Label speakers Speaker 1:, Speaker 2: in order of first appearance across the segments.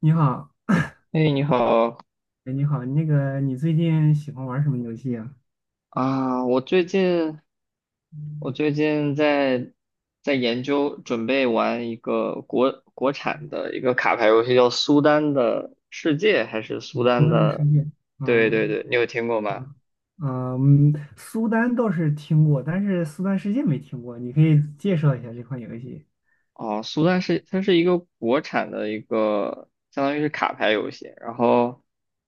Speaker 1: 你好，
Speaker 2: 哎，你好
Speaker 1: 哎，你好，那个，你最近喜欢玩什么游戏啊？
Speaker 2: 啊！我最近在研究准备玩一个国产的一个卡牌游戏，叫《苏丹的世界》还是《苏
Speaker 1: 苏
Speaker 2: 丹
Speaker 1: 丹的世
Speaker 2: 的》？
Speaker 1: 界，
Speaker 2: 对对
Speaker 1: 嗯
Speaker 2: 对，你有听过吗？
Speaker 1: 嗯，苏丹倒是听过，但是苏丹世界没听过，你可以介绍一下这款游戏。
Speaker 2: 哦，苏丹是它是一个国产的一个，相当于是卡牌游戏。然后，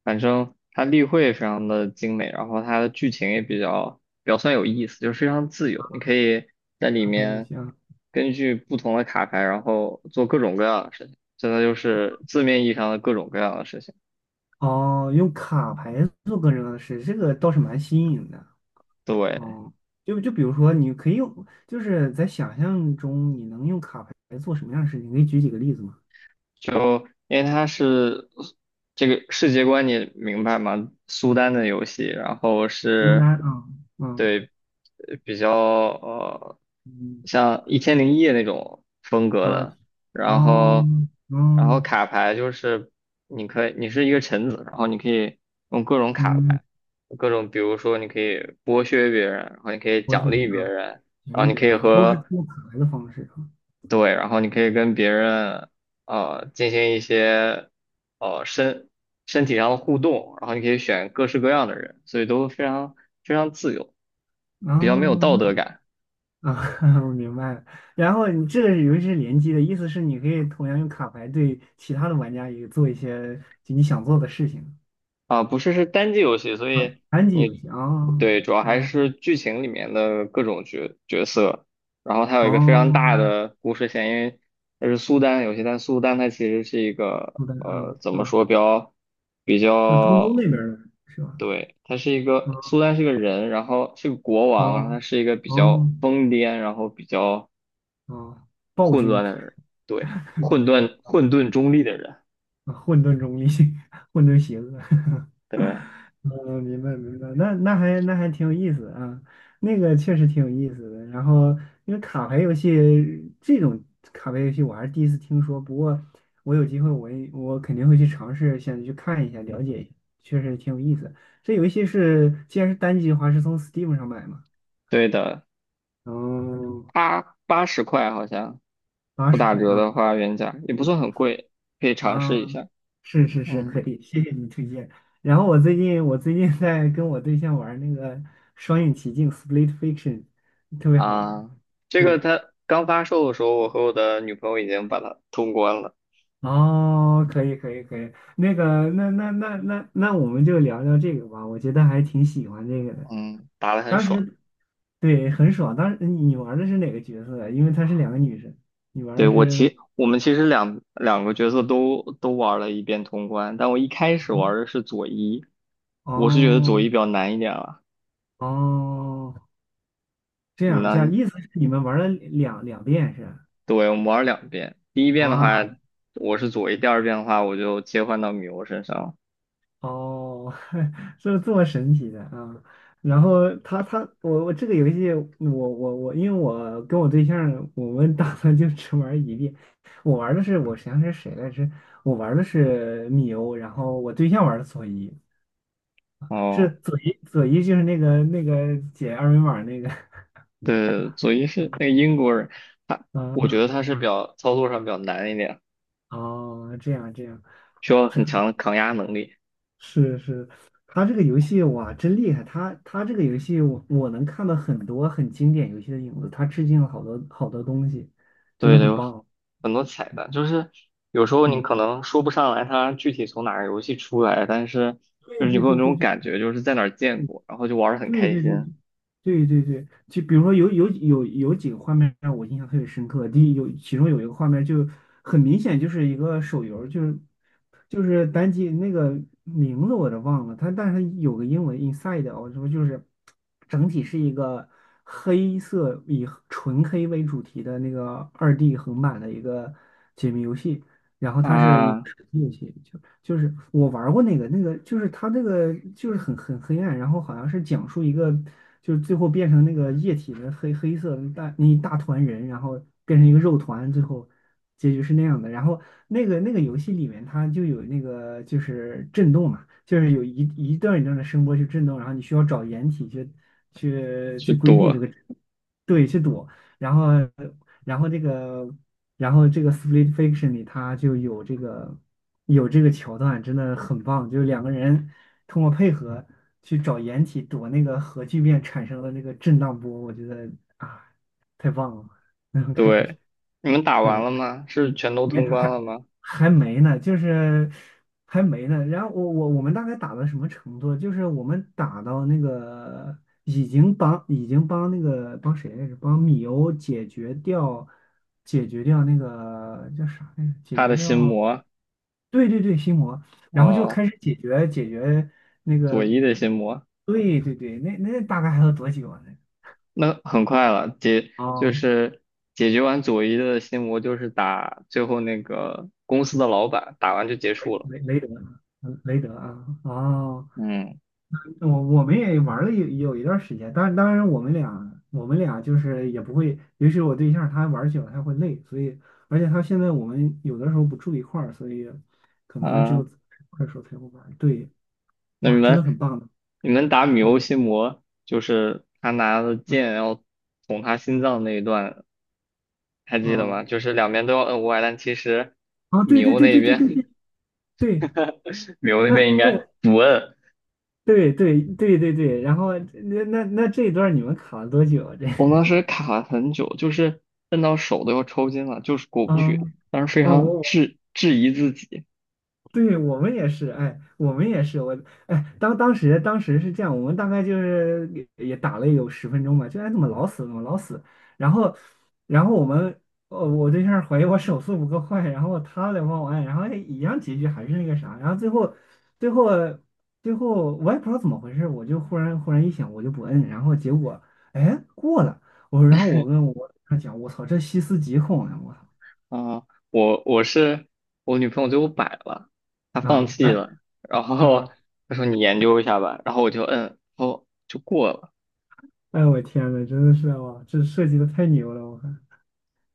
Speaker 2: 反正它立绘非常的精美，然后它的剧情也比较算有意思，就是非常自由。你可以在里
Speaker 1: 卡牌游
Speaker 2: 面
Speaker 1: 戏啊？
Speaker 2: 根据不同的卡牌，然后做各种各样的事情，真的就是字面意义上的各种各样的事情。
Speaker 1: 哦，用卡牌做个人的事，这个倒是蛮新颖的。
Speaker 2: 对，
Speaker 1: 哦，就比如说，你可以用，就是在想象中，你能用卡牌来做什么样的事情？你可以举几个例子吗？
Speaker 2: 就因为它是这个世界观，你明白吗？苏丹的游戏，然后
Speaker 1: 苏
Speaker 2: 是，
Speaker 1: 丹啊，嗯
Speaker 2: 对，比较
Speaker 1: 嗯
Speaker 2: 像一千零一夜那种风格
Speaker 1: 啊，
Speaker 2: 的。然
Speaker 1: 哦，
Speaker 2: 后然后
Speaker 1: 嗯
Speaker 2: 卡牌就是，你可以你是一个臣子，然后你可以用各种卡
Speaker 1: 嗯。
Speaker 2: 牌，各种比如说你可以剥削别人，然后你可以
Speaker 1: 活
Speaker 2: 奖
Speaker 1: 曲饼
Speaker 2: 励别
Speaker 1: 啊、
Speaker 2: 人，然
Speaker 1: 卷
Speaker 2: 后
Speaker 1: 饼
Speaker 2: 你可
Speaker 1: 饼
Speaker 2: 以
Speaker 1: 啊，都是
Speaker 2: 和，
Speaker 1: 做卡牌的方式啊。
Speaker 2: 对，然后你可以跟别人进行一些呃身身体上的互动，然后你可以选各式各样的人，所以都非常非常自由，比较没有道德
Speaker 1: 哦，
Speaker 2: 感。
Speaker 1: 啊，我明白了。然后你这个游戏是联机的，意思是你可以同样用卡牌对其他的玩家也做一些就你想做的事情
Speaker 2: 啊，不是，是单机游戏，所
Speaker 1: 啊。
Speaker 2: 以
Speaker 1: 单机游
Speaker 2: 你，
Speaker 1: 戏啊，
Speaker 2: 对，主要还
Speaker 1: 啊，
Speaker 2: 是剧情里面的各种角色，然后它有一个非常
Speaker 1: 哦，
Speaker 2: 大的故事线，因为它是苏丹游戏，但苏丹它其实是一个，
Speaker 1: 好的，嗯
Speaker 2: 怎么
Speaker 1: 嗯，
Speaker 2: 说，比较比
Speaker 1: 像中东
Speaker 2: 较，
Speaker 1: 那边儿的是吧？
Speaker 2: 对，他是一个，
Speaker 1: 啊，
Speaker 2: 苏丹是个人，然后是个国王，然后
Speaker 1: 哦
Speaker 2: 他是一个比较
Speaker 1: 哦
Speaker 2: 疯癫，然后比较
Speaker 1: 哦，暴
Speaker 2: 混
Speaker 1: 君。
Speaker 2: 乱的人，对，混沌中立的人，
Speaker 1: 混沌中立，混沌邪恶。
Speaker 2: 对。
Speaker 1: 嗯，明白明白，那还挺有意思啊，那个确实挺有意思的。然后因为卡牌游戏这种卡牌游戏我还是第一次听说，不过我有机会我肯定会去尝试，想去看一下了解一下，确实挺有意思。这游戏是既然是单机的话，是从 Steam 上买吗？
Speaker 2: 对的，
Speaker 1: 哦，
Speaker 2: 八十块好像。
Speaker 1: 八
Speaker 2: 不
Speaker 1: 十
Speaker 2: 打
Speaker 1: 块
Speaker 2: 折的
Speaker 1: 啊
Speaker 2: 话，原价也不算很贵，可以尝
Speaker 1: 啊，
Speaker 2: 试一下。
Speaker 1: 是是是，
Speaker 2: 嗯
Speaker 1: 可以，谢谢你推荐。然后我最近在跟我对象玩那个双影奇境 （Split Fiction），特别好玩。
Speaker 2: 啊，这个
Speaker 1: 对，
Speaker 2: 它刚发售的时候，我和我的女朋友已经把它通关了，
Speaker 1: 哦，可以可以可以，那我们就聊聊这个吧，我觉得还挺喜欢这个的。
Speaker 2: 嗯，打得很
Speaker 1: 当
Speaker 2: 爽。
Speaker 1: 时对很爽，当时你玩的是哪个角色呀？因为她是两个女生，你玩
Speaker 2: 对，
Speaker 1: 的
Speaker 2: 我
Speaker 1: 是
Speaker 2: 其我们其实两个角色都玩了一遍通关，但我一开始玩的是佐伊，我是觉得佐伊
Speaker 1: 哦
Speaker 2: 比较难一点了。
Speaker 1: 哦。这
Speaker 2: 你
Speaker 1: 样
Speaker 2: 呢？
Speaker 1: 这样，意思是你们玩了两遍是吧？
Speaker 2: 对，我们玩了两遍，第一遍的话
Speaker 1: 哇
Speaker 2: 我是佐伊，第二遍的话我就切换到米欧身上了。
Speaker 1: 哦，这么神奇的啊！然后他我这个游戏我，因为我跟我对象我们打算就只玩一遍。我玩的是我想想是谁来着？我玩的是米欧，然后我对象玩的佐伊，是
Speaker 2: 哦。
Speaker 1: 佐伊就是那个解二维码那个
Speaker 2: 对，佐伊是那个英国人，他，我觉得
Speaker 1: 啊
Speaker 2: 他是比较操作上比较难一点，
Speaker 1: 哦，这样这样。
Speaker 2: 需要
Speaker 1: 是。
Speaker 2: 很强的抗压能力。
Speaker 1: 是是，他这个游戏哇，真厉害！他这个游戏我，我能看到很多很经典游戏的影子，他致敬了好多好多东西，真
Speaker 2: 对
Speaker 1: 的
Speaker 2: 的，
Speaker 1: 很
Speaker 2: 有
Speaker 1: 棒。
Speaker 2: 很多彩蛋，就是有时候你
Speaker 1: 嗯，
Speaker 2: 可能说不上来他具体从哪个游戏出来，但是
Speaker 1: 对
Speaker 2: 就是你
Speaker 1: 对
Speaker 2: 会有
Speaker 1: 对
Speaker 2: 那
Speaker 1: 对
Speaker 2: 种
Speaker 1: 对，
Speaker 2: 感觉，就是在哪儿见过，然后就玩的很
Speaker 1: 对
Speaker 2: 开
Speaker 1: 对
Speaker 2: 心
Speaker 1: 对对对对，就比如说有几个画面让我印象特别深刻。第一，有其中有一个画面就很明显就是一个手游，就是单机那个名字我都忘了，它但是它有个英文 Inside，我说就是整体是一个黑色以纯黑为主题的那个2D 横版的一个解谜游戏，然后它是一
Speaker 2: 啊，
Speaker 1: 个手机游戏，就是我玩儿过那个。那个就是它那个就是很黑暗，然后好像是讲述一个，就是最后变成那个液体的黑色的大那一大团人，然后变成一个肉团，最后结局是那样的。然后那个游戏里面它就有那个就是震动嘛，就是有一段一段的声波去震动，然后你需要找掩体去去
Speaker 2: 去
Speaker 1: 去规避这
Speaker 2: 躲。
Speaker 1: 个。对，去躲。然后然后这个。然后这个《Split Fiction》里，它就有这个桥段，真的很棒。就是两个人通过配合去找掩体躲那个核聚变产生的那个震荡波，我觉得啊，太棒了，那种感觉。
Speaker 2: 对，你们打完
Speaker 1: 是，
Speaker 2: 了吗？是全都
Speaker 1: 对。
Speaker 2: 通关了吗？
Speaker 1: 还没呢，就是还没呢。然后我们大概打到什么程度？就是我们打到那个已经帮那个帮谁来着？帮米欧解决掉那个叫啥来着？解
Speaker 2: 他
Speaker 1: 决
Speaker 2: 的心
Speaker 1: 掉
Speaker 2: 魔，
Speaker 1: 对对对心魔，然后就
Speaker 2: 哦，
Speaker 1: 开始解决那
Speaker 2: 佐
Speaker 1: 个。
Speaker 2: 伊的心魔。
Speaker 1: 对对对，那大概还有多久啊？那
Speaker 2: 那很快了，解就
Speaker 1: 哦，
Speaker 2: 是解决完佐伊的心魔，就是打最后那个公司的老板，打完就结束了。
Speaker 1: 雷德，雷德啊，哦。
Speaker 2: 嗯
Speaker 1: 我们也玩了有一段时间，当然我们俩就是也不会，尤其是我对象他玩久了他会累，所以而且他现在我们有的时候不住一块儿，所以可能只
Speaker 2: 啊，
Speaker 1: 有快手块儿的时候才会玩。对，
Speaker 2: 那你
Speaker 1: 哇，真的
Speaker 2: 们
Speaker 1: 很棒的，
Speaker 2: 你们打米欧
Speaker 1: 嗯
Speaker 2: 心魔，就是他拿着
Speaker 1: 嗯
Speaker 2: 剑要捅他心脏那一段，还记得
Speaker 1: 嗯
Speaker 2: 吗？就是两边都要摁歪，但其实
Speaker 1: 啊，对
Speaker 2: 米
Speaker 1: 对
Speaker 2: 欧
Speaker 1: 对
Speaker 2: 那
Speaker 1: 对对对
Speaker 2: 边
Speaker 1: 对对，
Speaker 2: 米欧那
Speaker 1: 那
Speaker 2: 边应该
Speaker 1: 那我
Speaker 2: 不摁。
Speaker 1: 对对对对对，然后那这一段你们卡了多久？啊？这
Speaker 2: 我们当 时卡了很久，就是摁到手都要抽筋了，就是过不
Speaker 1: 啊
Speaker 2: 去。当时非
Speaker 1: 啊，
Speaker 2: 常
Speaker 1: 我
Speaker 2: 质疑自己。
Speaker 1: 对。我们也是，哎，我们也是，我哎，当时是这样，我们大概就是也打了有10分钟吧，就哎怎么老死怎么老死，然后然后我们我对象怀疑我手速不够快，然后他来帮我按，然后哎一样结局还是那个啥，然后最后最后我也不知道怎么回事，我就忽然一想我就不摁，然后结果哎过了。我然后我跟我对象讲，我操这细思极恐呀，我操
Speaker 2: 啊，我女朋友最后摆了，她放
Speaker 1: 啊
Speaker 2: 弃
Speaker 1: 哎。
Speaker 2: 了，然后
Speaker 1: 啊
Speaker 2: 她说你研究一下吧，然后我就摁，哦，就过了。
Speaker 1: 哎，我天呐，真的是哇，这设计的太牛了！我看，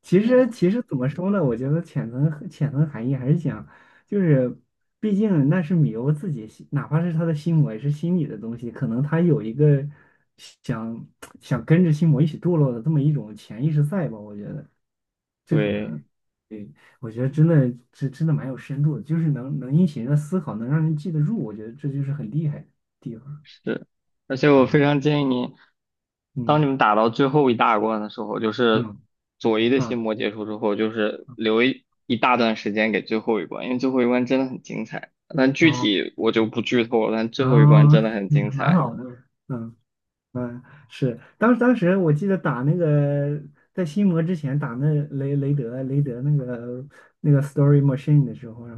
Speaker 1: 其实
Speaker 2: 嗯，
Speaker 1: 其实怎么说呢？我觉得潜层含义还是讲，就是毕竟那是米欧自己心，哪怕是他的心魔，也是心理的东西，可能他有一个想想跟着心魔一起堕落的这么一种潜意识在吧？我觉得这可
Speaker 2: 对，
Speaker 1: 能，对，我觉得真的蛮有深度的，就是能引起人的思考，能让人记得住，我觉得这就是很厉害的地方
Speaker 2: 是，而且我
Speaker 1: 啊！
Speaker 2: 非常建议你，当你
Speaker 1: 嗯
Speaker 2: 们打到最后一大关的时候，就是
Speaker 1: 嗯
Speaker 2: 左一的心
Speaker 1: 啊
Speaker 2: 魔结束之后，就是留一大段时间给最后一关，因为最后一关真的很精彩。但具
Speaker 1: 啊。
Speaker 2: 体我就不剧透了，但最
Speaker 1: 然
Speaker 2: 后一关
Speaker 1: 后
Speaker 2: 真的很精
Speaker 1: 蛮
Speaker 2: 彩，
Speaker 1: 好的，嗯嗯，是，当时我记得打那个在心魔之前打那雷德那个 Story Machine 的时候啊，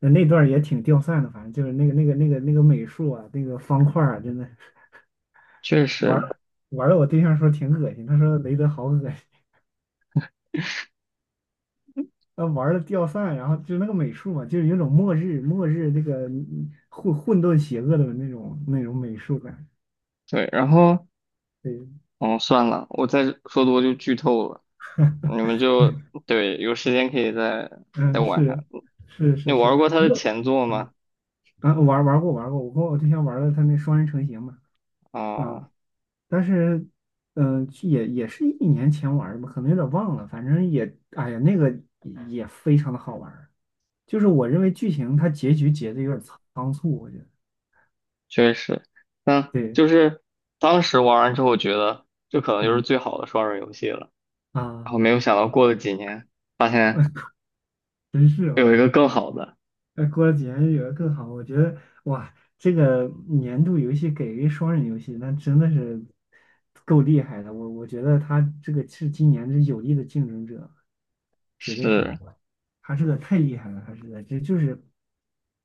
Speaker 1: 那段儿也挺掉散的，反正就是那个美术啊，那个方块儿啊，真的
Speaker 2: 确
Speaker 1: 玩儿
Speaker 2: 实。
Speaker 1: 玩的我对象说挺恶心，他说雷德好恶心，他玩的掉散，然后就是那个美术嘛，就是有种末日那个混沌邪恶的那种美术感。
Speaker 2: 对，然后。
Speaker 1: 对，
Speaker 2: 哦，算了，我再说多就剧透了。你们，就对，有时间可以再
Speaker 1: 嗯
Speaker 2: 玩一下。
Speaker 1: 是。是
Speaker 2: 你
Speaker 1: 是是，
Speaker 2: 玩过他
Speaker 1: 不
Speaker 2: 的
Speaker 1: 过
Speaker 2: 前作吗？
Speaker 1: 啊，我玩过，我跟我对象玩了他那双人成行嘛，啊。
Speaker 2: 啊，
Speaker 1: 但是，嗯、也是一年前玩的吧，可能有点忘了，反正也，哎呀，那个也非常的好玩儿，就是我认为剧情它结局结的有点仓促，我觉得。
Speaker 2: 确实，嗯，
Speaker 1: 对，
Speaker 2: 就是当时玩完之后觉得这可能就是
Speaker 1: 嗯
Speaker 2: 最好的双人游戏了，然
Speaker 1: 啊，
Speaker 2: 后没有想到过了几年，发现
Speaker 1: 真是我。
Speaker 2: 有一个更好的。
Speaker 1: 哎，过了几年有的更好。我觉得哇，这个年度游戏给一个双人游戏，那真的是够厉害的，我觉得他这个是今年这有力的竞争者，绝对是，
Speaker 2: 是，
Speaker 1: 哈士的太厉害了，哈士的这就是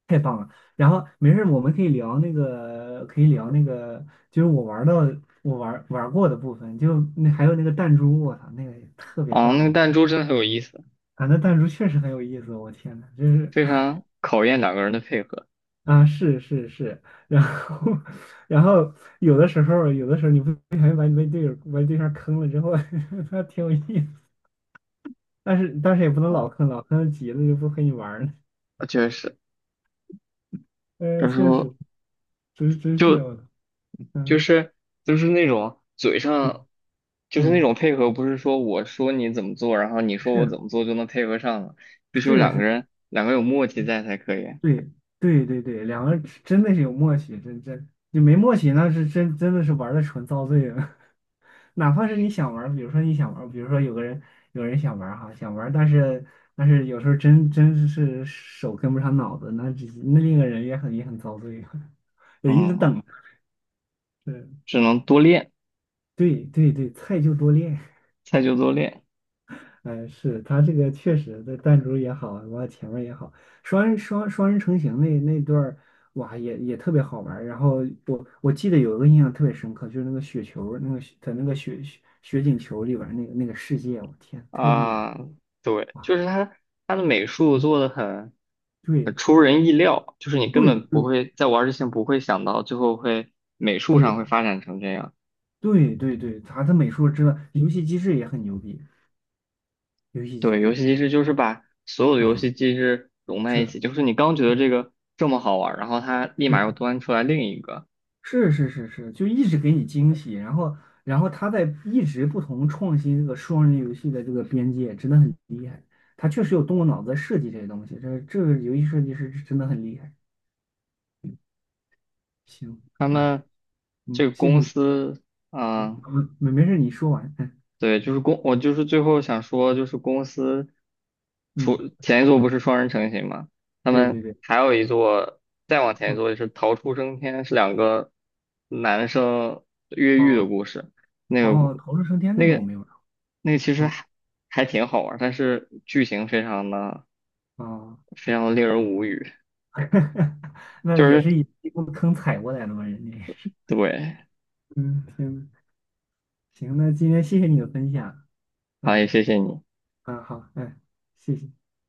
Speaker 1: 太棒了。然后没事儿我们可以聊那个，就是我玩过的部分，就那还有那个弹珠，我操，那个也特别
Speaker 2: 啊，那个
Speaker 1: 棒。
Speaker 2: 弹珠真的很有意思，
Speaker 1: 啊！那弹珠确实很有意思，我天呐，就是
Speaker 2: 非常考验两个人的配合。
Speaker 1: 啊，是是是，然后 然后有的时候你不小心把你被队友把你对象坑了之后，还挺有意思，但是也不能
Speaker 2: 呃，
Speaker 1: 老坑，老坑急了就不和你玩儿了。
Speaker 2: 确实，
Speaker 1: 嗯，
Speaker 2: 有时
Speaker 1: 确
Speaker 2: 候。
Speaker 1: 实。真是
Speaker 2: 就。
Speaker 1: 我的，
Speaker 2: 就
Speaker 1: 嗯
Speaker 2: 是就是那种嘴上，
Speaker 1: 嗯
Speaker 2: 就是那
Speaker 1: 嗯，
Speaker 2: 种配合，不是说我说你怎么做，然后你说我怎
Speaker 1: 是
Speaker 2: 么做就能配合上了，必须有
Speaker 1: 是
Speaker 2: 两个
Speaker 1: 是，
Speaker 2: 人，两个有默契在才可以。
Speaker 1: 对对对对，两个人真的是有默契，真你没默契那是真的是玩的纯遭罪了。哪怕是你想玩儿比如说有人想玩儿哈，想玩儿但是有时候真是手跟不上脑子，那另一个人也很遭罪啊，也一直
Speaker 2: 嗯，
Speaker 1: 等。对
Speaker 2: 只能多练，
Speaker 1: 对对对，菜就多练。
Speaker 2: 菜就多练
Speaker 1: 哎，是他这个确实的弹珠也好，完了前面也好，双人成行那段儿，哇，也特别好玩儿。然后我记得有一个印象特别深刻，就是那个雪球儿那个雪在那个雪景球里边儿那个世界，我天，太厉害了
Speaker 2: 啊。对，
Speaker 1: 哇，
Speaker 2: 就是他的美术做的很
Speaker 1: 对
Speaker 2: 出人意料，就是你根
Speaker 1: 对
Speaker 2: 本不
Speaker 1: 对
Speaker 2: 会在玩儿之前不会想到最后会美术上会
Speaker 1: 对
Speaker 2: 发展成这样。
Speaker 1: 对对对，他的美术真的，游戏机制也很牛逼，游戏机
Speaker 2: 对，游戏
Speaker 1: 制
Speaker 2: 机制就是把所有的游
Speaker 1: 啊，
Speaker 2: 戏机制融在
Speaker 1: 是
Speaker 2: 一起，就是你刚觉得
Speaker 1: 是。
Speaker 2: 这个这么好玩儿，然后它立马又
Speaker 1: 是
Speaker 2: 端出来另一个。
Speaker 1: 是是是是，就一直给你惊喜，然后他在一直不同创新这个双人游戏的这个边界，真的很厉害。他确实有动过脑子设计这些东西，这个游戏设计师真的很厉害。行，
Speaker 2: 他
Speaker 1: 哎，
Speaker 2: 们这
Speaker 1: 嗯，
Speaker 2: 个
Speaker 1: 谢谢
Speaker 2: 公
Speaker 1: 你，
Speaker 2: 司，
Speaker 1: 嗯，
Speaker 2: 嗯，
Speaker 1: 嗯没事，你说完，
Speaker 2: 对，就是公，我就是最后想说，就是公司 除
Speaker 1: 嗯，
Speaker 2: 前一座不是双人成行吗？他
Speaker 1: 对
Speaker 2: 们
Speaker 1: 对对，
Speaker 2: 还有一座，再往前一
Speaker 1: 嗯，
Speaker 2: 座就是逃出生天，是两个男生越狱的
Speaker 1: 哦
Speaker 2: 故事。那个、
Speaker 1: 哦。逃出升天
Speaker 2: 那
Speaker 1: 那个我
Speaker 2: 个、
Speaker 1: 没有玩，
Speaker 2: 那个其实
Speaker 1: 嗯
Speaker 2: 还挺好玩儿，但是剧情非常的
Speaker 1: 哦。
Speaker 2: 非常的令人无语。
Speaker 1: 那
Speaker 2: 就
Speaker 1: 也
Speaker 2: 是
Speaker 1: 是一步坑踩过来的嘛，人家也是。
Speaker 2: 对，
Speaker 1: 嗯，行行，那今天谢谢你的分享。
Speaker 2: 好，也
Speaker 1: 嗯。
Speaker 2: 谢谢你。
Speaker 1: 嗯，好，嗯，谢谢